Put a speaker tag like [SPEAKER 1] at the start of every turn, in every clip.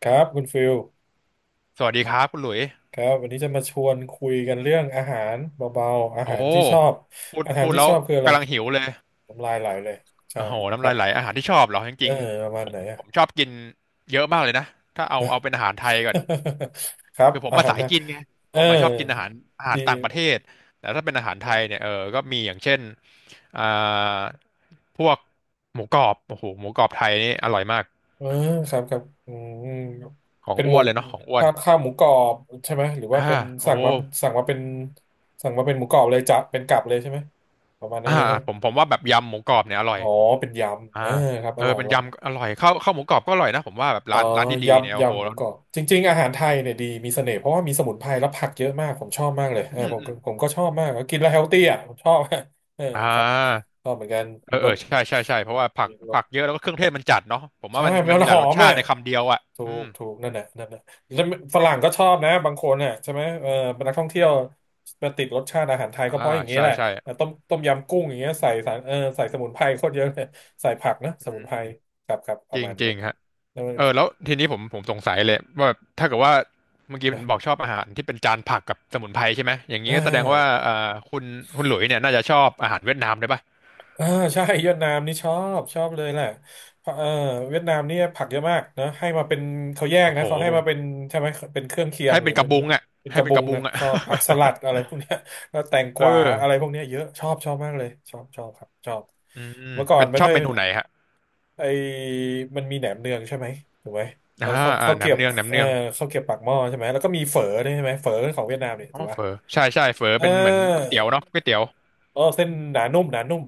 [SPEAKER 1] ครับคุณฟิล
[SPEAKER 2] สวัสดีครับคุณหลุย
[SPEAKER 1] ครับวันนี้จะมาชวนคุยกันเรื่องอาหารเบาๆอา
[SPEAKER 2] โอ้
[SPEAKER 1] หารที่ชอบ
[SPEAKER 2] พูด
[SPEAKER 1] อาหาร
[SPEAKER 2] พูด
[SPEAKER 1] ที่
[SPEAKER 2] แล้ว
[SPEAKER 1] ชอบคืออะไร
[SPEAKER 2] กำลังหิวเลย
[SPEAKER 1] น้ำลายไหลเลยใช่
[SPEAKER 2] โอ้โห
[SPEAKER 1] ค
[SPEAKER 2] น้ำ
[SPEAKER 1] รั
[SPEAKER 2] ลาย
[SPEAKER 1] บ
[SPEAKER 2] ไหลอาหารที่ชอบเหรอจ
[SPEAKER 1] เออ
[SPEAKER 2] ริง
[SPEAKER 1] ประ
[SPEAKER 2] ๆ
[SPEAKER 1] มา
[SPEAKER 2] ผ
[SPEAKER 1] ณ
[SPEAKER 2] ม
[SPEAKER 1] ไหนอะ
[SPEAKER 2] ผมชอบกินเยอะมากเลยนะถ้าเอาเป็นอาหารไทยก่อน
[SPEAKER 1] ครับ
[SPEAKER 2] คือผม
[SPEAKER 1] อา
[SPEAKER 2] มา
[SPEAKER 1] หาร
[SPEAKER 2] สาย
[SPEAKER 1] นะ
[SPEAKER 2] กินไง
[SPEAKER 1] เอ
[SPEAKER 2] ผ
[SPEAKER 1] อ
[SPEAKER 2] มมาชอบกินอาหารต่างประ
[SPEAKER 1] ดี
[SPEAKER 2] เทศแต่ถ้าเป็นอาหารไทยเนี่ยก็มีอย่างเช่น อ่าพวกหมูกรอบโอ้โหหมูกรอบไทยนี่อร่อยมาก
[SPEAKER 1] เออครับครับอืม
[SPEAKER 2] ของ
[SPEAKER 1] เป็นห
[SPEAKER 2] อ้
[SPEAKER 1] มู
[SPEAKER 2] วนเลยเนาะของอ้วน
[SPEAKER 1] ข้าวหมูกรอบใช่ไหมหรือว่า
[SPEAKER 2] อ่า
[SPEAKER 1] เป็น
[SPEAKER 2] โอ้
[SPEAKER 1] สั่งมาสั่งมาเป็นสั่งมาเป็นหมูกรอบเลยจะเป็นกลับเลยใช่ไหมประมาณนั้
[SPEAKER 2] อ่า
[SPEAKER 1] นเลยใช่ไหม
[SPEAKER 2] ผมว่าแบบยำหมูกรอบเนี่ยอร่อ
[SPEAKER 1] อ๋
[SPEAKER 2] ย
[SPEAKER 1] อเป็นยำ
[SPEAKER 2] อ่า
[SPEAKER 1] เออครับอร่อย
[SPEAKER 2] เป็
[SPEAKER 1] อ
[SPEAKER 2] น
[SPEAKER 1] ร่อย
[SPEAKER 2] ยำอร่อยข้าวหมูกรอบก็อร่อยนะผมว่าแบบ
[SPEAKER 1] เออ
[SPEAKER 2] ร้านดีๆเนี่ย
[SPEAKER 1] ยำ
[SPEAKER 2] โอ้โห
[SPEAKER 1] ยำหมู
[SPEAKER 2] แล้ว
[SPEAKER 1] กรอบจริงๆอาหารไทยเนี่ยดีมีเสน่ห์เพราะว่ามีสมุนไพรและผักเยอะมากผมชอบมากเลย
[SPEAKER 2] อื
[SPEAKER 1] เออ
[SPEAKER 2] ม
[SPEAKER 1] ผม
[SPEAKER 2] อื
[SPEAKER 1] ก็
[SPEAKER 2] ม
[SPEAKER 1] ผมก็ชอบมากกินแล้วเฮลตี้อ่ะผมชอบ เออ
[SPEAKER 2] อ่
[SPEAKER 1] ครับ
[SPEAKER 2] า
[SPEAKER 1] ชอบเหมือนกันร
[SPEAKER 2] เอ
[SPEAKER 1] ส
[SPEAKER 2] อใช่ใช่ใช่เพราะว่าผัก
[SPEAKER 1] ร
[SPEAKER 2] ผั
[SPEAKER 1] ส
[SPEAKER 2] กเยอะแล้วก็เครื่องเทศมันจัดเนาะผมว่า
[SPEAKER 1] ใช่
[SPEAKER 2] มันมั
[SPEAKER 1] มั
[SPEAKER 2] น
[SPEAKER 1] น
[SPEAKER 2] มีห
[SPEAKER 1] ห
[SPEAKER 2] ลา
[SPEAKER 1] อ
[SPEAKER 2] ยรส
[SPEAKER 1] ม
[SPEAKER 2] ชา
[SPEAKER 1] อ่ะ
[SPEAKER 2] ติในคำเดียวอ่ะ
[SPEAKER 1] ถู
[SPEAKER 2] อื
[SPEAKER 1] ก
[SPEAKER 2] ม
[SPEAKER 1] ถูกนั่นแหละนั่นแหละแล้วฝรั่งก็ชอบนะบางคนน่ะใช่ไหมเออเป็นนักท่องเที่ยวมาติดรสชาติอาหารไทย
[SPEAKER 2] อ่า
[SPEAKER 1] ก็เพราะอย่างนี้
[SPEAKER 2] ใช่
[SPEAKER 1] แหละ
[SPEAKER 2] ใช่
[SPEAKER 1] ต้มยำกุ้งอย่างเงี้ยใส่สารเออใส่สมุนไพรโคตรเยอะเลยใส่ผักนะ
[SPEAKER 2] อื
[SPEAKER 1] สมุนไพ
[SPEAKER 2] ม
[SPEAKER 1] รครับครับป
[SPEAKER 2] จ
[SPEAKER 1] ระ
[SPEAKER 2] ริง
[SPEAKER 1] มาณ
[SPEAKER 2] จริ
[SPEAKER 1] นั้
[SPEAKER 2] ง
[SPEAKER 1] น
[SPEAKER 2] ฮะ
[SPEAKER 1] แล้วมัน
[SPEAKER 2] แล้วทีนี้ผมสงสัยเลยว่าถ้าเกิดว่าเมื่อกี้บอกชอบอาหารที่เป็นจานผักกับสมุนไพรใช่ไหมอย่างนี้
[SPEAKER 1] อ่า
[SPEAKER 2] ก็แสดงว่าคุณคุณหลุยเนี่ยน่าจะชอบอาหารเวียดนามด้วยป่ะ
[SPEAKER 1] อ่าใช่เวียดนามนี่ชอบเลยแหละเพราะเออเวียดนามเนี่ยผักเยอะมากนะให้มาเป็นเขาแยก
[SPEAKER 2] โอ้
[SPEAKER 1] นะ
[SPEAKER 2] โห
[SPEAKER 1] เขาให้มาเป็นใช่ไหมเป็นเครื่องเคียง
[SPEAKER 2] ให้
[SPEAKER 1] หรื
[SPEAKER 2] เป็
[SPEAKER 1] อ
[SPEAKER 2] นก
[SPEAKER 1] เป็
[SPEAKER 2] ระ
[SPEAKER 1] น
[SPEAKER 2] บุงอ่ะ
[SPEAKER 1] เป็นก
[SPEAKER 2] ให้
[SPEAKER 1] ระ
[SPEAKER 2] เป็น
[SPEAKER 1] บุ
[SPEAKER 2] กระ
[SPEAKER 1] ง
[SPEAKER 2] บุง
[SPEAKER 1] อะ
[SPEAKER 2] อ่ะ
[SPEAKER 1] ชอบผักสลัดอะไรพวกเนี้ย แล้วแตงก วา
[SPEAKER 2] เออ
[SPEAKER 1] อะไรพวกเนี้ยเยอะชอบชอบมากเลยชอบชอบครับชอบ
[SPEAKER 2] อืม
[SPEAKER 1] เมื่อก่อน
[SPEAKER 2] เป็น
[SPEAKER 1] ไม่
[SPEAKER 2] ชอ
[SPEAKER 1] ค่
[SPEAKER 2] บ
[SPEAKER 1] อย
[SPEAKER 2] เมนูไหนฮะ
[SPEAKER 1] ไอมันมีแหนมเนืองใช่ไหมถูกไหมแล้
[SPEAKER 2] อ่า
[SPEAKER 1] วเขาเขาเก็
[SPEAKER 2] น้ำ
[SPEAKER 1] บ
[SPEAKER 2] เนืองน้ำ
[SPEAKER 1] เอ
[SPEAKER 2] เนื
[SPEAKER 1] อ
[SPEAKER 2] อง
[SPEAKER 1] เขาเก็บปากหม้อใช่ไหมแล้วก็มีเฝอด้วยใช่ไหมเฝอของเวียดนามเนี่ย
[SPEAKER 2] อ๋
[SPEAKER 1] ถู
[SPEAKER 2] อ
[SPEAKER 1] ก
[SPEAKER 2] เฝ
[SPEAKER 1] ปะ
[SPEAKER 2] อใช่ใช่เฝอ
[SPEAKER 1] เออ
[SPEAKER 2] เป็นเหมือนก๋วยเตี๋ยวเนาะก๋วยเตี๋ยว
[SPEAKER 1] เออเส้นหนานุ่มหนานุ่ม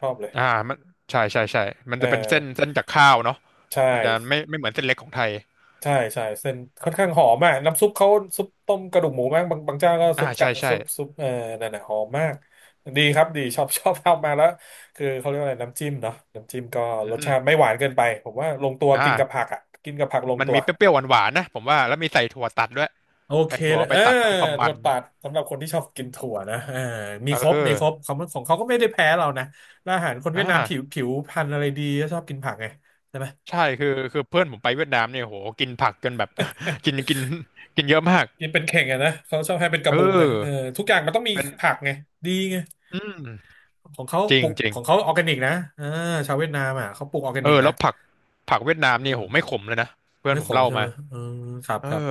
[SPEAKER 1] ชอบเลย
[SPEAKER 2] อ่ามันใช่ใช่ใช่มัน
[SPEAKER 1] เอ
[SPEAKER 2] จะ
[SPEAKER 1] อ
[SPEAKER 2] เป็นเส้นจากข้าวเนาะ
[SPEAKER 1] ใช่
[SPEAKER 2] มันจะไม่เหมือนเส้นเล็กของไทย
[SPEAKER 1] ใช่ใช่เส้นค่อนข้างหอมมากน้ำซุปเขาซุปต้มกระดูกหมูมากบางบางเจ้าก็ซุป
[SPEAKER 2] ใช่
[SPEAKER 1] กะ
[SPEAKER 2] ใช่
[SPEAKER 1] ซุปซุปเออนั่นน่ะหอมมากดีครับดีชอบชอบทำมาแล้วคือเขาเรียกว่าอะไรน้ำจิ้มเนาะน้ำจิ้มก็
[SPEAKER 2] อื
[SPEAKER 1] รสชา
[SPEAKER 2] ม
[SPEAKER 1] ติไม่หวานเกินไปผมว่าลงตัวกินกับผั
[SPEAKER 2] อ่า
[SPEAKER 1] กอ่ะกินกับผักลง
[SPEAKER 2] มัน
[SPEAKER 1] ตัว
[SPEAKER 2] มีเปรี้ยวๆหวานๆนะผมว่าแล้วมีใส่ถั่วตัดด้วย
[SPEAKER 1] โอเค
[SPEAKER 2] ใส่ถั่ว
[SPEAKER 1] เลย
[SPEAKER 2] เอา
[SPEAKER 1] เอ
[SPEAKER 2] ไป
[SPEAKER 1] อ
[SPEAKER 2] ตัดเพิ่มความ
[SPEAKER 1] ถั่
[SPEAKER 2] มั
[SPEAKER 1] ว
[SPEAKER 2] น
[SPEAKER 1] ตัดสำหรับคนที่ชอบกินถั่วนะเออมี
[SPEAKER 2] เอ
[SPEAKER 1] ครบ
[SPEAKER 2] อ
[SPEAKER 1] มีครบของเขาก็ไม่ได้แพ้เรานะแล้วอาหารคนเวี
[SPEAKER 2] อ่
[SPEAKER 1] ยดนามผิว
[SPEAKER 2] า
[SPEAKER 1] ผิวพรรณอะไรดีก็ชอบกินผักไงใช่ไหม
[SPEAKER 2] ใช่คือเพื่อนผมไปเวียดนามเนี่ยโหกินผักจนแบบ กินกินกินเยอะมาก
[SPEAKER 1] กินเป็นเข่งอะนะเขาชอบให้เป็นก
[SPEAKER 2] เอ
[SPEAKER 1] ระบุงไงเออ
[SPEAKER 2] อ
[SPEAKER 1] ทุกอย่างมันต้องมี
[SPEAKER 2] เป็น
[SPEAKER 1] ผักไงดีไง
[SPEAKER 2] อืม
[SPEAKER 1] ของเขา
[SPEAKER 2] จริ
[SPEAKER 1] ป
[SPEAKER 2] ง
[SPEAKER 1] ลูก
[SPEAKER 2] จริง
[SPEAKER 1] ของเขาออร์แกนิกนะเออชาวเวียดนามอ่ะเขาปลูกออร์แกนิกนะ
[SPEAKER 2] แล้วผักเวียดนาม
[SPEAKER 1] เอ
[SPEAKER 2] นี่
[SPEAKER 1] อ
[SPEAKER 2] โหไม่ขมเลยนะเพื่อน
[SPEAKER 1] ไม่
[SPEAKER 2] ผ
[SPEAKER 1] ข
[SPEAKER 2] ม
[SPEAKER 1] ม
[SPEAKER 2] เล่า
[SPEAKER 1] ใช่ไห
[SPEAKER 2] มา
[SPEAKER 1] มเออครับ
[SPEAKER 2] เอ
[SPEAKER 1] ครับ
[SPEAKER 2] อ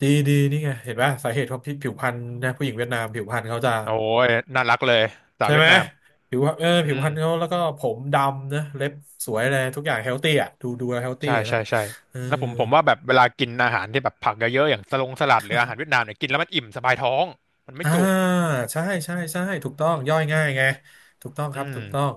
[SPEAKER 1] ดีดีนี่ไงเห็นป่ะสาเหตุของผิวพรรณนะผู้หญิงเวียดนามผิวพรรณเขาจะ
[SPEAKER 2] โอ้ยน่ารักเลยสาว
[SPEAKER 1] ใช่
[SPEAKER 2] เวีย
[SPEAKER 1] ไห
[SPEAKER 2] ด
[SPEAKER 1] ม
[SPEAKER 2] นาม
[SPEAKER 1] ผิวเออ
[SPEAKER 2] อื
[SPEAKER 1] ผิวพ
[SPEAKER 2] ม
[SPEAKER 1] รรณเขาแล้วก็ผมดำนะเล็บสวยอะไรทุกอย่างเฮลตี้อ่ะดูดูเฮลตี้
[SPEAKER 2] ใช่
[SPEAKER 1] นะ
[SPEAKER 2] ใช่ใช่
[SPEAKER 1] เออ
[SPEAKER 2] แล้วผมว่าแบบเวลากินอาหารที่แบบผักเยอะๆอย่างสลงสลัดหรืออาหารเวียดนามเนี่ยกินแล้วมันอิ่มสบายท้องมันไม่
[SPEAKER 1] อ่า
[SPEAKER 2] จุก
[SPEAKER 1] ใช่ใช่ใช่ถูกต้องย่อยง่ายไงถูกต้องค
[SPEAKER 2] อื
[SPEAKER 1] รับ
[SPEAKER 2] ม
[SPEAKER 1] ถูกต้อง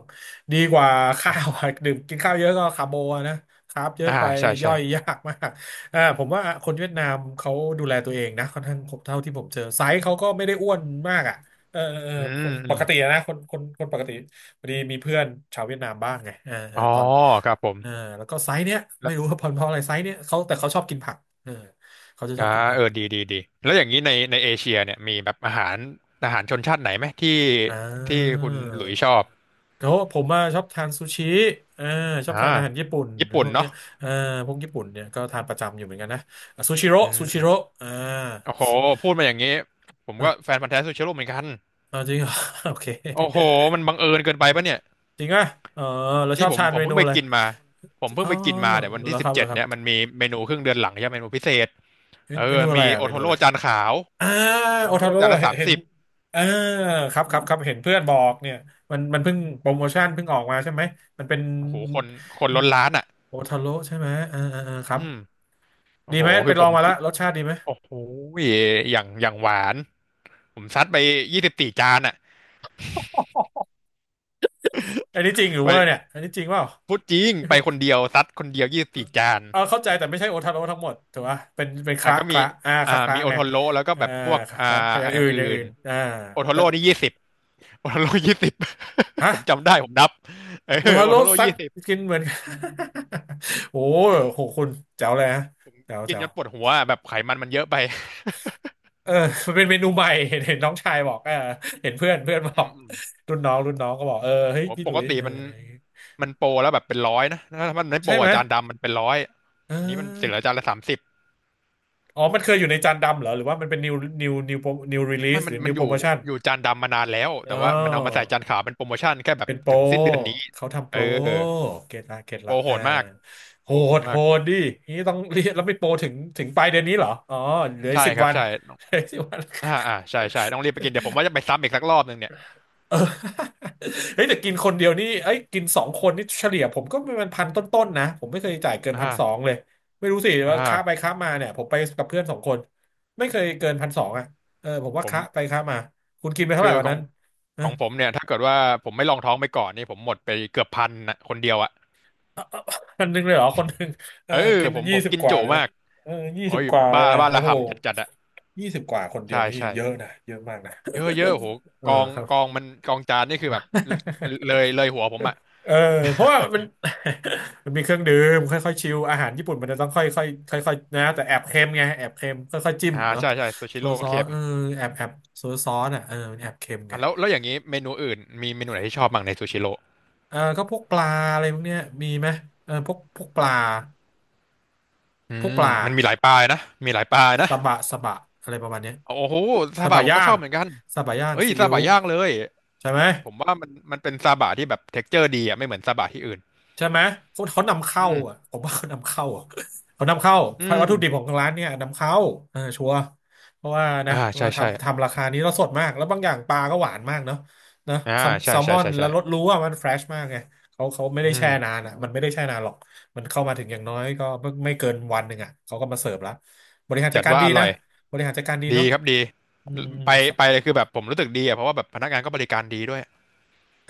[SPEAKER 1] ดีกว่าข้าวอะดื่มกินข้าวเยอะก็คาร์โบอะนะครับเยอะ
[SPEAKER 2] อ่า
[SPEAKER 1] ไป
[SPEAKER 2] ใช่
[SPEAKER 1] ย่
[SPEAKER 2] ใช่
[SPEAKER 1] อยยากมากอ่าผมว่าคนเวียดนามเขาดูแลตัวเองนะค่อนข้างผมเท่าที่ผมเจอไซส์เขาก็ไม่ได้อ้วนมากอ่ะเออเออเออ
[SPEAKER 2] อื
[SPEAKER 1] ค
[SPEAKER 2] ม
[SPEAKER 1] น
[SPEAKER 2] อื
[SPEAKER 1] ป
[SPEAKER 2] ม
[SPEAKER 1] กติอะนะคนปกติพอดีมีเพื่อนชาวเวียดนามบ้างไงเออเอ
[SPEAKER 2] อ๋
[SPEAKER 1] อ
[SPEAKER 2] อ
[SPEAKER 1] ตอน
[SPEAKER 2] ครับผม
[SPEAKER 1] เออแล้วก็ไซส์เนี้ย
[SPEAKER 2] แล้
[SPEAKER 1] ไม่
[SPEAKER 2] ว
[SPEAKER 1] รู้ว่าเพราะอะไรไซส์เนี้ยเขาแต่เขาชอบกินผักเออเขาจะช
[SPEAKER 2] อ่า
[SPEAKER 1] อบกินผัก
[SPEAKER 2] ดีดีดีแล้วอย่างนี้ในเอเชียเนี่ยมีแบบอาหารชนชาติไหนไหมที่
[SPEAKER 1] อ่
[SPEAKER 2] ที่
[SPEAKER 1] า
[SPEAKER 2] คุณหลุยชอบ
[SPEAKER 1] เขาผมมาชอบทานซูชิเออชอบ
[SPEAKER 2] อ่า
[SPEAKER 1] ทานอาหารญี่ปุ่น
[SPEAKER 2] ญี่
[SPEAKER 1] พ
[SPEAKER 2] ปุ่น
[SPEAKER 1] วกเนี้
[SPEAKER 2] เนาะ
[SPEAKER 1] ยเออพวกญี่ปุ่นเนี่ยก็ทานประจำอยู่เหมือนกันนะอ่ะซูชิโร่
[SPEAKER 2] อื
[SPEAKER 1] ซู
[SPEAKER 2] ม
[SPEAKER 1] ชิโร่อ่า
[SPEAKER 2] โอ้โห
[SPEAKER 1] ซู
[SPEAKER 2] พูดมาอย่างนี้ผม
[SPEAKER 1] เอ
[SPEAKER 2] ก็
[SPEAKER 1] อ
[SPEAKER 2] แฟ
[SPEAKER 1] อ
[SPEAKER 2] นพันธุ์แท้ซูเชโร่เหมือนกัน
[SPEAKER 1] ่าจริงเหรอ โอเค
[SPEAKER 2] โอ้โหมันบังเอิญเกินไปปะเนี่ย
[SPEAKER 1] จริงอ่ะเออเราช
[SPEAKER 2] นี่
[SPEAKER 1] อบ
[SPEAKER 2] ผม
[SPEAKER 1] ทาน
[SPEAKER 2] ผ
[SPEAKER 1] เม
[SPEAKER 2] มเพิ่
[SPEAKER 1] นู
[SPEAKER 2] งไป
[SPEAKER 1] อะไร
[SPEAKER 2] กินมาผมเพิ่
[SPEAKER 1] อ๋
[SPEAKER 2] ง
[SPEAKER 1] อ
[SPEAKER 2] ไปกินมาเนี่ยวัน
[SPEAKER 1] แล้
[SPEAKER 2] ที่
[SPEAKER 1] วค
[SPEAKER 2] สิบ
[SPEAKER 1] รับ
[SPEAKER 2] เจ็
[SPEAKER 1] แล้
[SPEAKER 2] ด
[SPEAKER 1] วครับ
[SPEAKER 2] เนี่ยมันมีเมนูครึ่งเดือนหลังใช่ไหมเมนูพิเศษ
[SPEAKER 1] เมเมนูอะ
[SPEAKER 2] มี
[SPEAKER 1] ไรอ่ะ
[SPEAKER 2] โอ
[SPEAKER 1] เม
[SPEAKER 2] โท
[SPEAKER 1] นู
[SPEAKER 2] โร่
[SPEAKER 1] อะไร
[SPEAKER 2] จานขาว
[SPEAKER 1] อ่า
[SPEAKER 2] โอ
[SPEAKER 1] โอ
[SPEAKER 2] โท
[SPEAKER 1] ทา
[SPEAKER 2] โร่
[SPEAKER 1] โร่
[SPEAKER 2] จานละ
[SPEAKER 1] เห็น
[SPEAKER 2] สาม
[SPEAKER 1] เห็น
[SPEAKER 2] สิบ
[SPEAKER 1] อ่าครับครับครับเห็นเพื่อนบอกเนี่ยมันเพิ่งโปรโมชั่นเพิ่งออกมาใช่ไหมมันเป็น
[SPEAKER 2] โอ้โหคนล้นร้านอ่ะ
[SPEAKER 1] โอทาโร่ใช่ไหมครั
[SPEAKER 2] อื
[SPEAKER 1] บ
[SPEAKER 2] มโอ้
[SPEAKER 1] ดี
[SPEAKER 2] โห
[SPEAKER 1] ไหมไป
[SPEAKER 2] คือ
[SPEAKER 1] ล
[SPEAKER 2] ผ
[SPEAKER 1] อง
[SPEAKER 2] ม
[SPEAKER 1] มาแล้
[SPEAKER 2] กิ
[SPEAKER 1] ว
[SPEAKER 2] น
[SPEAKER 1] รสชาติดีไหม
[SPEAKER 2] โอ้โหอย่างหวานผมซัดไปยี่สิบสี่จานอ่ะ
[SPEAKER 1] อันนี้จริงหรือเวอ
[SPEAKER 2] ไป
[SPEAKER 1] ร์เนี่ยอันนี้จริงเปล่า
[SPEAKER 2] พูดจริงไปคนเดียวซัดคนเดียวยี่สิบสี่จาน
[SPEAKER 1] เอาเข้าใจแต่ไม่ใช่โอทาโร่ทั้งหมดถูกป่ะเป็นเป็นค
[SPEAKER 2] อ่ะ
[SPEAKER 1] ละ
[SPEAKER 2] ก็
[SPEAKER 1] ค
[SPEAKER 2] มี
[SPEAKER 1] ละอ่าคละคละ
[SPEAKER 2] มีโอ
[SPEAKER 1] ไง
[SPEAKER 2] โทโร่แล้วก็
[SPEAKER 1] อ่า
[SPEAKER 2] แบบพวก
[SPEAKER 1] คละคละอย่าง
[SPEAKER 2] อ
[SPEAKER 1] อื่
[SPEAKER 2] ย่าง
[SPEAKER 1] นอ
[SPEAKER 2] อื่
[SPEAKER 1] ย่างอื่
[SPEAKER 2] น
[SPEAKER 1] นอ่า
[SPEAKER 2] โอโท
[SPEAKER 1] แต่
[SPEAKER 2] โร่นี่ยี่สิบโอโทโร่ยี่สิบ
[SPEAKER 1] ฮะ
[SPEAKER 2] ผมจำได้ผมนับเออ
[SPEAKER 1] โอทา
[SPEAKER 2] โอ
[SPEAKER 1] โร่
[SPEAKER 2] โทโร่
[SPEAKER 1] ซัก
[SPEAKER 2] ยี่สิบ
[SPEAKER 1] กินเหมือน โอ้
[SPEAKER 2] กิน
[SPEAKER 1] โหคุณแจ๋วเลยฮะ
[SPEAKER 2] ผม
[SPEAKER 1] แจ๋ว
[SPEAKER 2] กิน
[SPEAKER 1] แจ๋
[SPEAKER 2] จ
[SPEAKER 1] ว
[SPEAKER 2] นปวดหัวอะแบบไขมันมันเยอะไป
[SPEAKER 1] เออมันเป็นเมนูใหม่เห็นน้องชายบอกเออเห็นเพื่อนเพื่อนบ
[SPEAKER 2] อื
[SPEAKER 1] อก
[SPEAKER 2] มอืม
[SPEAKER 1] รุ่นน้องก็บอกเออเฮ้ย
[SPEAKER 2] โห
[SPEAKER 1] พี่ห
[SPEAKER 2] ป
[SPEAKER 1] ลุ
[SPEAKER 2] ก
[SPEAKER 1] ย
[SPEAKER 2] ติ
[SPEAKER 1] เออ
[SPEAKER 2] มันโปรแล้วแบบเป็นร้อยนะถ้ามันไม่โป
[SPEAKER 1] ใช่
[SPEAKER 2] ร
[SPEAKER 1] ไหม
[SPEAKER 2] อ่ะจานดำมันเป็นร้อย
[SPEAKER 1] เอ
[SPEAKER 2] อันนี้มันเสียเหลือ
[SPEAKER 1] อ
[SPEAKER 2] จานละสามสิบ
[SPEAKER 1] อ๋อมันเคยอยู่ในจานดำเหรอหรือว่ามันเป็น new new
[SPEAKER 2] ไม่
[SPEAKER 1] release ห
[SPEAKER 2] มั
[SPEAKER 1] รื
[SPEAKER 2] น
[SPEAKER 1] อ
[SPEAKER 2] มัน
[SPEAKER 1] new
[SPEAKER 2] อยู่
[SPEAKER 1] promotion
[SPEAKER 2] อยู่จานดำมานานแล้ว
[SPEAKER 1] อ๋
[SPEAKER 2] แต่
[SPEAKER 1] อ
[SPEAKER 2] ว่ามันเอามาใส่จานขาวเป็นโปรโมชั่นแค่แบบ
[SPEAKER 1] เป็นโปร
[SPEAKER 2] ถึงสิ้นเดือนนี้
[SPEAKER 1] เขาทำโป
[SPEAKER 2] เออ
[SPEAKER 1] รเกตละเกต
[SPEAKER 2] โป
[SPEAKER 1] ละ
[SPEAKER 2] รโห
[SPEAKER 1] อ่า
[SPEAKER 2] ดมาก
[SPEAKER 1] โห
[SPEAKER 2] โปรโหด
[SPEAKER 1] ดโห
[SPEAKER 2] มาก
[SPEAKER 1] ดดินี่ต้อง เรียนแล้วไม่โปรถึงปลายเดือนนี้เหรออ๋อเหลือ
[SPEAKER 2] ใช่
[SPEAKER 1] สิบ
[SPEAKER 2] ครับ
[SPEAKER 1] วัน
[SPEAKER 2] ใช่
[SPEAKER 1] เหลือสิบวัน
[SPEAKER 2] อ่าอ่าใช่ใช่ต้องรีบไปกินเดี๋ยวผมว่าจะไปซ้ำอีกสักรอบหนึ่งเนี่ย
[SPEAKER 1] เออ เฮ้ยแต่กินคนเดียวนี่เอ้ยกินสองคนนี่เฉลี่ยผมก็เป็นพันต้นๆนะผมไม่เคยจ่ายเกินพันสอง
[SPEAKER 2] อ่า
[SPEAKER 1] เลยไม่รู้สิ
[SPEAKER 2] อ่า
[SPEAKER 1] ว่าค้าไปค้ามาเนี่ยผมไปกับเพื่อนสองคนไม่เคยเกินพันสองอ่ะเออผมว่า
[SPEAKER 2] ผม
[SPEAKER 1] ค้าไปค้ามาคุณกินไปเท่าไห
[SPEAKER 2] คื
[SPEAKER 1] ร่
[SPEAKER 2] อ
[SPEAKER 1] วัน
[SPEAKER 2] ขอ
[SPEAKER 1] นั้
[SPEAKER 2] ง
[SPEAKER 1] น
[SPEAKER 2] ของผมเนี่ยถ้าเกิดว่าผมไม่ลองท้องไปก่อนนี่ผมหมดไปเกือบพันนะคนเดียวอ่ะ
[SPEAKER 1] อันหนึงเลยเหรอคนหนึ่งเออ
[SPEAKER 2] เออ
[SPEAKER 1] กิน
[SPEAKER 2] ผม
[SPEAKER 1] ยี่
[SPEAKER 2] ผม
[SPEAKER 1] สิบ
[SPEAKER 2] กิน
[SPEAKER 1] กว่า
[SPEAKER 2] จุ
[SPEAKER 1] เลย
[SPEAKER 2] มา
[SPEAKER 1] นะ
[SPEAKER 2] ก
[SPEAKER 1] เออยี่
[SPEAKER 2] โอ้
[SPEAKER 1] สิบ
[SPEAKER 2] ย
[SPEAKER 1] กว่าเล
[SPEAKER 2] บ้า
[SPEAKER 1] ยนะ
[SPEAKER 2] บ้า
[SPEAKER 1] โอ้
[SPEAKER 2] ระ
[SPEAKER 1] โห
[SPEAKER 2] ห่ำจัดจัดอ่ะ
[SPEAKER 1] ยี่สิบกว่าคนเดีย
[SPEAKER 2] ใช่
[SPEAKER 1] วนี่
[SPEAKER 2] ใช่
[SPEAKER 1] เยอะนะเยอะมากนะ
[SPEAKER 2] เยอะเยอะโห
[SPEAKER 1] เอ
[SPEAKER 2] ก
[SPEAKER 1] อ
[SPEAKER 2] อง
[SPEAKER 1] ครับ
[SPEAKER 2] กองมันกองจานนี่คือแบบเลย เลยหัวผมอ่ะ
[SPEAKER 1] เออเพราะว่ามัน มันมีเครื่องดื่มค่อยๆชิลอาหารญี่ปุ่นมันจะต้องค่อยๆค่อยๆนะแต่แอบเค็มไงแอบเค็มค่อยๆจิ้มเนาะ
[SPEAKER 2] ใช่ใช่ซูชิ
[SPEAKER 1] โซ
[SPEAKER 2] โร่
[SPEAKER 1] ซอ
[SPEAKER 2] เค็
[SPEAKER 1] ส
[SPEAKER 2] ม
[SPEAKER 1] เออแอบแอบโซซอสอ่ะเออมันแอบเค็มไง
[SPEAKER 2] อ่ะแล้วอย่างนี้เมนูอื่นมีเมนูไหนที่ชอบบ้างในซูชิโร่
[SPEAKER 1] เออก็พวกปลาอะไรพวกเนี้ยมีไหมเออพวกปลา
[SPEAKER 2] อื
[SPEAKER 1] พวกป
[SPEAKER 2] ม
[SPEAKER 1] ลา
[SPEAKER 2] มันมีหลายปลายนะมีหลายปลายนะ
[SPEAKER 1] สบะอะไรประมาณเนี้ย
[SPEAKER 2] โอ้โห
[SPEAKER 1] ส
[SPEAKER 2] ซาบะ
[SPEAKER 1] บะ
[SPEAKER 2] ผม
[SPEAKER 1] ย่า
[SPEAKER 2] ก็ช
[SPEAKER 1] ง
[SPEAKER 2] อบเหมือนกัน
[SPEAKER 1] สบะย่าง
[SPEAKER 2] เฮ้ย
[SPEAKER 1] ซี
[SPEAKER 2] ซา
[SPEAKER 1] อิ๊ว
[SPEAKER 2] บะย่างเลย
[SPEAKER 1] ใช่ไหม
[SPEAKER 2] ผมว่ามันเป็นซาบะที่แบบเท็กเจอร์ดีอ่ะไม่เหมือนซาบะที่อื่น
[SPEAKER 1] ใช่ไหมเขานำ
[SPEAKER 2] อื
[SPEAKER 1] เข้า
[SPEAKER 2] ม
[SPEAKER 1] อ่ะผมว่าเขานำเข้าอะ เขานำเข้า
[SPEAKER 2] อื
[SPEAKER 1] วัต
[SPEAKER 2] ม
[SPEAKER 1] ถุดิบของร้านเนี่ยนำเข้าเออชัวร์เพราะว่านะ
[SPEAKER 2] อ่าใช่
[SPEAKER 1] มา
[SPEAKER 2] ใช่
[SPEAKER 1] ทำราคานี้แล้วสดมากแล้วบางอย่างปลาก็หวานมากเนาะนะ
[SPEAKER 2] อ่า
[SPEAKER 1] แซล
[SPEAKER 2] ใช่
[SPEAKER 1] แซลม
[SPEAKER 2] ใช่
[SPEAKER 1] อน
[SPEAKER 2] ใช่
[SPEAKER 1] แล้วรส
[SPEAKER 2] ใช่
[SPEAKER 1] รู้ว่ามันเฟรชมากไงเขาไม่
[SPEAKER 2] อื
[SPEAKER 1] ได้แช่นา
[SPEAKER 2] ม
[SPEAKER 1] นอ่ะมันไม่ได้แช่นานหรอกมันเข้ามาถึงอย่างน้อยก็ไม่ไม่เกินวันหนึ่งอ่ะเขาก็มาเสิร์ฟแล้วบริหารจั
[SPEAKER 2] จั
[SPEAKER 1] ด
[SPEAKER 2] ด
[SPEAKER 1] การ
[SPEAKER 2] ว่า
[SPEAKER 1] ดี
[SPEAKER 2] อร่
[SPEAKER 1] นะ
[SPEAKER 2] อย
[SPEAKER 1] บริหารจัดการดี
[SPEAKER 2] ดี
[SPEAKER 1] เนาะ
[SPEAKER 2] ครับดี
[SPEAKER 1] อืมอื
[SPEAKER 2] ไป
[SPEAKER 1] ม
[SPEAKER 2] ไปเลยคือแบบผมรู้สึกดีอ่ะเพราะว่าแบบพนักงานก็บริการดีด้วย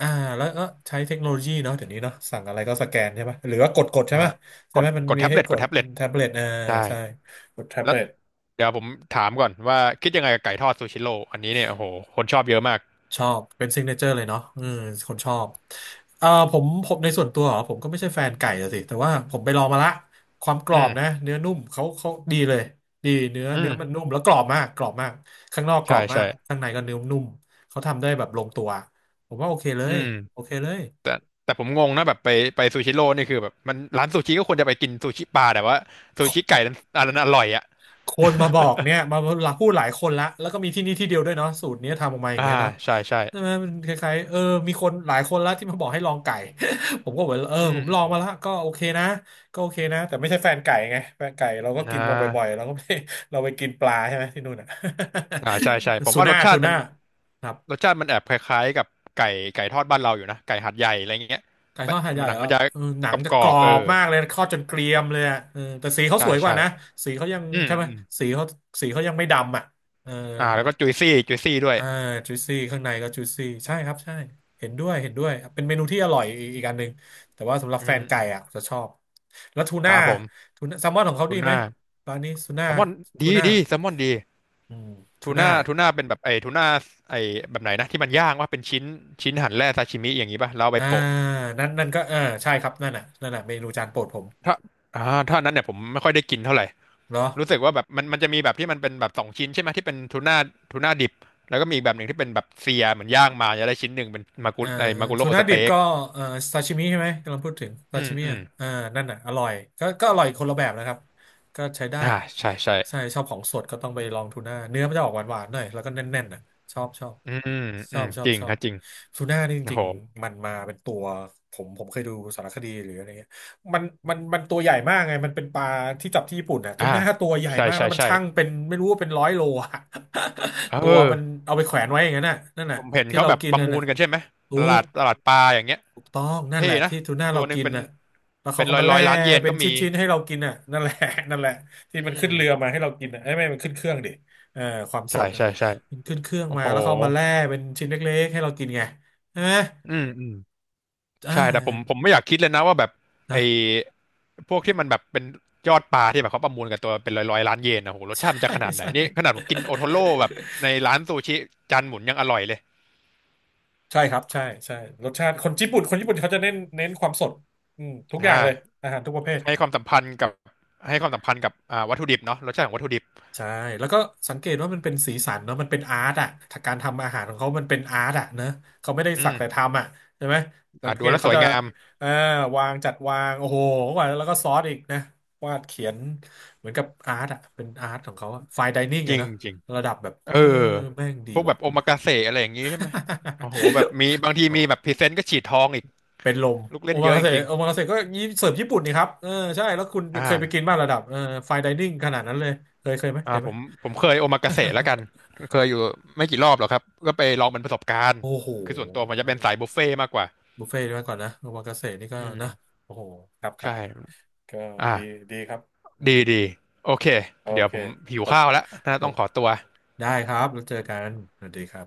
[SPEAKER 1] อ่าแล้วก็ใช้เทคโนโลยีเนาะเดี๋ยวนี้เนาะสั่งอะไรก็สแกนใช่ปะหรือว่ากดใช่
[SPEAKER 2] อ่า
[SPEAKER 1] ไหมใช่
[SPEAKER 2] ก
[SPEAKER 1] ไหม
[SPEAKER 2] ด
[SPEAKER 1] มัน
[SPEAKER 2] กด
[SPEAKER 1] มี
[SPEAKER 2] แท็บ
[SPEAKER 1] ให้
[SPEAKER 2] เล็ต
[SPEAKER 1] ก
[SPEAKER 2] กด
[SPEAKER 1] ด
[SPEAKER 2] แท็บเล็ต
[SPEAKER 1] แท็บเล็ตอ่า
[SPEAKER 2] ใช่
[SPEAKER 1] ใช่กดแท็บ
[SPEAKER 2] แล้ว
[SPEAKER 1] เล็ต
[SPEAKER 2] เดี๋ยวผมถามก่อนว่าคิดยังไงกับไก่ทอดซูชิโร่อันนี้เนี่ยโอ้โหคนชอบเยอะมาก
[SPEAKER 1] ชอบเป็นซิงเกิลเจอร์เลยเนาะอืมคนชอบผมในส่วนตัวเหรอผมก็ไม่ใช่แฟนไก่อะสิแต่ว่าผมไปลองมาละความกรอ
[SPEAKER 2] อื
[SPEAKER 1] บนะ
[SPEAKER 2] ม
[SPEAKER 1] เนื้อนุ่มเขาดีเลยดีเนื้อ
[SPEAKER 2] อื
[SPEAKER 1] เนื้
[SPEAKER 2] ม
[SPEAKER 1] อมันนุ่มแล้วกรอบมากกรอบมากข้างนอกกร
[SPEAKER 2] ใช่
[SPEAKER 1] อบมา
[SPEAKER 2] ใช่
[SPEAKER 1] กข้างในก็เนื้อนุ่มเขาทำได้แบบลงตัวผมว่าโอเคเล
[SPEAKER 2] อื
[SPEAKER 1] ย
[SPEAKER 2] ม
[SPEAKER 1] โอเคเลย
[SPEAKER 2] แต่แต่ผมงงนะแบบไปไปซูชิโร่นี่คือแบบมันร้านซูชิก็ควรจะไปกินซูชิปลาแต่ว่าซูชิไก่นั้นอันนั้นอร่อยอ่ะ
[SPEAKER 1] คนมาบอกเนี่ยมาหลายพูดหลายคนละแล้วก็มีที่นี่ที่เดียวด้วยเนาะสูตรเนี้ยทำออกมาอย่าง
[SPEAKER 2] อ่า
[SPEAKER 1] เงี้ยเนาะ
[SPEAKER 2] ใช่ใช่
[SPEAKER 1] ใช่ไหมมันคล้ายๆเออมีคนหลายคนละที่มาบอกให้ลองไก่ ผมก็เหมือนเออ
[SPEAKER 2] อื
[SPEAKER 1] ผ
[SPEAKER 2] ม
[SPEAKER 1] ม
[SPEAKER 2] อื
[SPEAKER 1] ลอง
[SPEAKER 2] ม
[SPEAKER 1] มาแล้วก็โอเคนะก็โอเคนะแต่ไม่ใช่แฟนไก่ไงแฟนไก่เราก็
[SPEAKER 2] อ่
[SPEAKER 1] กินมาบ่อย
[SPEAKER 2] า
[SPEAKER 1] ๆเราก็ไม่ เราไปกินปลาใช่ไหมที่นู่นอ่ะ
[SPEAKER 2] อ่าใช่ใช่ผ ม
[SPEAKER 1] ทู
[SPEAKER 2] ว่าร
[SPEAKER 1] น่า
[SPEAKER 2] สชา
[SPEAKER 1] ทู
[SPEAKER 2] ติมั
[SPEAKER 1] น่า
[SPEAKER 2] น
[SPEAKER 1] ครับ
[SPEAKER 2] รสชาติมันแอบคล้ายๆกับไก่ไก่ทอดบ้านเราอยู่นะไก่หัดใหญ่อะไรเงี้ย
[SPEAKER 1] ไก่ทอ
[SPEAKER 2] แปะ
[SPEAKER 1] ดหาดให
[SPEAKER 2] มั
[SPEAKER 1] ญ่
[SPEAKER 2] นหนั
[SPEAKER 1] เห
[SPEAKER 2] ง
[SPEAKER 1] รอ
[SPEAKER 2] มันจะ
[SPEAKER 1] เออหนังจะ
[SPEAKER 2] กร
[SPEAKER 1] ก
[SPEAKER 2] อ
[SPEAKER 1] รอ
[SPEAKER 2] บๆเอ
[SPEAKER 1] บ
[SPEAKER 2] อ
[SPEAKER 1] มากเลยทอดจนเกรียมเลยอะเออแต่สีเขาส
[SPEAKER 2] ใช่
[SPEAKER 1] วยกว่า
[SPEAKER 2] ใช่
[SPEAKER 1] นะสีเขายัง
[SPEAKER 2] อื
[SPEAKER 1] ใช่
[SPEAKER 2] ม
[SPEAKER 1] ไหม
[SPEAKER 2] อืม
[SPEAKER 1] สีเขาสีเขายังไม่ดำอ่ะเออ
[SPEAKER 2] อ่าแล้วก็จุยซี่จุยซี่ด้วย
[SPEAKER 1] อ่าจูซี่ข้างในก็จูซี่ใช่ครับใช่เห็นด้วยเห็นด้วยเป็นเมนูที่อร่อยอีกอีกอันหนึ่งแต่ว่าสำหรับ
[SPEAKER 2] อื
[SPEAKER 1] แฟน
[SPEAKER 2] ม
[SPEAKER 1] ไก่
[SPEAKER 2] อืม
[SPEAKER 1] อ่ะจะชอบแล้วทู
[SPEAKER 2] ค
[SPEAKER 1] น่า
[SPEAKER 2] รับผม
[SPEAKER 1] แซลมอนของเขา
[SPEAKER 2] ทู
[SPEAKER 1] ดีไหม
[SPEAKER 2] น่า
[SPEAKER 1] ร้านนี้ทูน่า
[SPEAKER 2] แซลมอน
[SPEAKER 1] ทู
[SPEAKER 2] ดี
[SPEAKER 1] น่า
[SPEAKER 2] ดีแซลมอนดี
[SPEAKER 1] อืมทู
[SPEAKER 2] ทู
[SPEAKER 1] น่า
[SPEAKER 2] น่าทูน่าเป็นแบบไอ้ทูน่าไอ้แบบไหนนะที่มันย่างว่าเป็นชิ้นชิ้นหั่นแล่ซาชิมิอย่างนี้ป่ะแล้วเอาไป
[SPEAKER 1] อ่า
[SPEAKER 2] โปะ
[SPEAKER 1] นั่นก็เออใช่ครับนั่นน่ะนั่นน่ะเมนูจานโปรดผม
[SPEAKER 2] ถ้าอ่าถ้าอันนั้นเนี่ยผมไม่ค่อยได้กินเท่าไหร่
[SPEAKER 1] เนาะ
[SPEAKER 2] รู้สึกว่าแบบมันจะมีแบบที่มันเป็นแบบสองชิ้นใช่ไหมที่เป็นทูน่าทูน่าดิบแล้วก็มีอีกแบบหนึ่งที่เป็นแบบเซียเหมือนย่างมาจะได้ชิ้นหนึ่งเป็นมากุ
[SPEAKER 1] เอ่อ
[SPEAKER 2] ไอ้มากุ
[SPEAKER 1] ทู
[SPEAKER 2] โร่
[SPEAKER 1] น่า
[SPEAKER 2] ส
[SPEAKER 1] ดิบ
[SPEAKER 2] เต็ก
[SPEAKER 1] ก็เอ่อซาชิมิใช่ไหมกำลังพูดถึงซา
[SPEAKER 2] อืม
[SPEAKER 1] ชิมิ
[SPEAKER 2] อื
[SPEAKER 1] อ่ะ
[SPEAKER 2] ม
[SPEAKER 1] เอ่านั่นน่ะอร่อยก็อร่อยคนละแบบนะครับก็ใช้ได้
[SPEAKER 2] อ่าใช่ใช่
[SPEAKER 1] ใช่ชอบของสดก็ต้องไปลองทูน่าเนื้อมันจะออกหวานๆหน่อยแล้วก็แน่นๆน่ะชอบชอบ
[SPEAKER 2] อืม
[SPEAKER 1] ช
[SPEAKER 2] อื
[SPEAKER 1] อ
[SPEAKER 2] ม
[SPEAKER 1] บชอ
[SPEAKER 2] จ
[SPEAKER 1] บ
[SPEAKER 2] ริง
[SPEAKER 1] ชอ
[SPEAKER 2] ค
[SPEAKER 1] บ
[SPEAKER 2] รับจริง
[SPEAKER 1] ทูน่านี่จ
[SPEAKER 2] โอ้
[SPEAKER 1] ริ
[SPEAKER 2] โห
[SPEAKER 1] งๆมันมาเป็นตัวผมเคยดูสารคดีหรืออะไร มันมันตัวใหญ่มากไงมันเป็นปลาที่จับที่ญี่ปุ่นอ่ะทุ
[SPEAKER 2] อ่า
[SPEAKER 1] กหน้าตัวใหญ่
[SPEAKER 2] ใช่
[SPEAKER 1] มาก
[SPEAKER 2] ใช่
[SPEAKER 1] แล้วมัน
[SPEAKER 2] ใช่
[SPEAKER 1] ช่างเป็นไม่รู้ว่าเป็นร้อยโลอ่ะ
[SPEAKER 2] เออ
[SPEAKER 1] ตัวมันเอาไปแขวนไว้อย่างนั้นน่ะนั่น
[SPEAKER 2] ผ
[SPEAKER 1] น่ะ
[SPEAKER 2] มเห็น
[SPEAKER 1] ที่
[SPEAKER 2] เขา
[SPEAKER 1] เรา
[SPEAKER 2] แบบ
[SPEAKER 1] กิน
[SPEAKER 2] ประ
[SPEAKER 1] นั่น
[SPEAKER 2] มูล
[SPEAKER 1] น่ะ
[SPEAKER 2] กันใช่ไหมต
[SPEAKER 1] ถู
[SPEAKER 2] ลา
[SPEAKER 1] ก
[SPEAKER 2] ดตลาดปลาอย่างเงี้ย
[SPEAKER 1] ถูกต้องนั่น
[SPEAKER 2] เท่
[SPEAKER 1] แหละ
[SPEAKER 2] นะ
[SPEAKER 1] ที่ทูน่า
[SPEAKER 2] ตั
[SPEAKER 1] เรา
[SPEAKER 2] วหนึ่ง
[SPEAKER 1] กิน
[SPEAKER 2] เป็น
[SPEAKER 1] น่ะแล้ว
[SPEAKER 2] เป็
[SPEAKER 1] เขา
[SPEAKER 2] น
[SPEAKER 1] ก็
[SPEAKER 2] ร้อย
[SPEAKER 1] มา
[SPEAKER 2] ร้
[SPEAKER 1] แล่
[SPEAKER 2] อยล้านเยน
[SPEAKER 1] เป็น
[SPEAKER 2] ก็มี
[SPEAKER 1] ชิ้นๆให้เรากินน่ะนั่นแหละ นั่นแหละที่
[SPEAKER 2] อื
[SPEAKER 1] มันขึ้
[SPEAKER 2] ม
[SPEAKER 1] นเรือมาให้เรากินน่ะเอ้ยไม่มันขึ้นเครื่องดิเออความส
[SPEAKER 2] ใช่
[SPEAKER 1] ดนะ
[SPEAKER 2] ใช่ใช่
[SPEAKER 1] มันขึ้นเครื่อง
[SPEAKER 2] โอ้
[SPEAKER 1] มา
[SPEAKER 2] โห
[SPEAKER 1] แล้วเขาเอามาแล่เป็นชิ้นเล็กๆให้เรากินไงใช่ไหม
[SPEAKER 2] อืมอืม
[SPEAKER 1] อ่
[SPEAKER 2] ใช่แต่ผมผ
[SPEAKER 1] า
[SPEAKER 2] มไม่อยากคิดเลยนะว่าแบบไอ้
[SPEAKER 1] นะ
[SPEAKER 2] พวกที่มันแบบเป็นยอดปลาที่แบบเขาประมูลกันตัวเป็นร้อยร้อยล้านเยนนะโหร ส
[SPEAKER 1] ใช
[SPEAKER 2] ชาติมันจะ
[SPEAKER 1] ่
[SPEAKER 2] ขนาดไหน
[SPEAKER 1] ใช่
[SPEAKER 2] นี่ขนาดผมกินโอโทโร่แบบในร้านซูชิจานหมุนยังอร่อยเลย
[SPEAKER 1] ใช่ครับใช่ใช่รสชาติคนญี่ปุ่นเขาจะเน้นความสดอืมทุก
[SPEAKER 2] อ
[SPEAKER 1] อย่างเลย
[SPEAKER 2] ่า
[SPEAKER 1] อาหารทุกประเภท
[SPEAKER 2] ให้ความสัมพันธ์กับให้ความสัมพันธ์กับอ่าวัตถุดิบเนาะรสชาติของวัตถุดิบ
[SPEAKER 1] ใช่แล้วก็สังเกตว่ามันเป็นสีสันเนาะมันเป็นอาร์ตอ่ะการทำอาหารของเขามันเป็นอาร์ตอ่ะเนอะเขาไม่ได้
[SPEAKER 2] อื
[SPEAKER 1] สัก
[SPEAKER 2] ม
[SPEAKER 1] แต่ทำอ่ะใช่ไหมสั
[SPEAKER 2] อ่า
[SPEAKER 1] งเก
[SPEAKER 2] ดู
[SPEAKER 1] ต
[SPEAKER 2] แล้ว
[SPEAKER 1] เขา
[SPEAKER 2] สวย
[SPEAKER 1] จะ
[SPEAKER 2] งาม
[SPEAKER 1] อ่าวางจัดวางโอ้โหกว่าแล้วก็ซอสอีกนะวาดเขียนเหมือนกับอาร์ตอ่ะเป็นอาร์ตของเขาอะไฟน์ไดนิ่ง
[SPEAKER 2] จ
[SPEAKER 1] อะ
[SPEAKER 2] ริง
[SPEAKER 1] เนอะ
[SPEAKER 2] จริง
[SPEAKER 1] ระดับแบบเอ
[SPEAKER 2] เอ
[SPEAKER 1] อ
[SPEAKER 2] อ
[SPEAKER 1] แม่งดี
[SPEAKER 2] พวกแบ
[SPEAKER 1] ว่ะ
[SPEAKER 2] บโอมากาเสะอะไรอย่างงี้ใช่ไหมโอ้โหแบบมีบางที
[SPEAKER 1] โอ้
[SPEAKER 2] มีแบบพรีเซนต์ก็ฉีดทองอีก
[SPEAKER 1] เป็นลม
[SPEAKER 2] ลูก
[SPEAKER 1] โอ
[SPEAKER 2] เล่นเย
[SPEAKER 1] มา
[SPEAKER 2] อะ
[SPEAKER 1] กา
[SPEAKER 2] จ
[SPEAKER 1] เสะ
[SPEAKER 2] ริง
[SPEAKER 1] โอมากาเสะก็ยิเสิร์ฟญี่ปุ่นนี่ครับเออใช่แล้วคุณ
[SPEAKER 2] ๆ
[SPEAKER 1] เค
[SPEAKER 2] อ่า
[SPEAKER 1] ยไปกินบ้างระดับเออไฟน์ไดนิ่งขนาดนั้นเลย เคยไหมเค
[SPEAKER 2] อ่า
[SPEAKER 1] ยไหม
[SPEAKER 2] ผมผมเคยโอมากาเสะแล้วกัน เคยอยู่ไม่กี่รอบหรอกครับก็ไปลองเป็นประสบการณ์
[SPEAKER 1] โอ้โห
[SPEAKER 2] คือส่วนตัวผมจะเป็นสายบุฟเฟ่ต์มากกว่า
[SPEAKER 1] บุฟเฟ่ต์ด้วยก่อนนะโอมากาเสะนี่ก็
[SPEAKER 2] อื
[SPEAKER 1] นะ
[SPEAKER 2] ม
[SPEAKER 1] โอ้โหครับค
[SPEAKER 2] ใช
[SPEAKER 1] รับ
[SPEAKER 2] ่
[SPEAKER 1] ก็ดี
[SPEAKER 2] อ่า
[SPEAKER 1] ดีครับอืม
[SPEAKER 2] ดีดีโอเค
[SPEAKER 1] โอ
[SPEAKER 2] เดี๋ยว
[SPEAKER 1] เค
[SPEAKER 2] ผมหิ
[SPEAKER 1] ข
[SPEAKER 2] ว
[SPEAKER 1] อบ
[SPEAKER 2] ข้าวแล้วน่า
[SPEAKER 1] ขอ
[SPEAKER 2] ต้อ
[SPEAKER 1] บ
[SPEAKER 2] งขอตัว
[SPEAKER 1] ได้ครับแล้วเจอกันสวัสดีครับ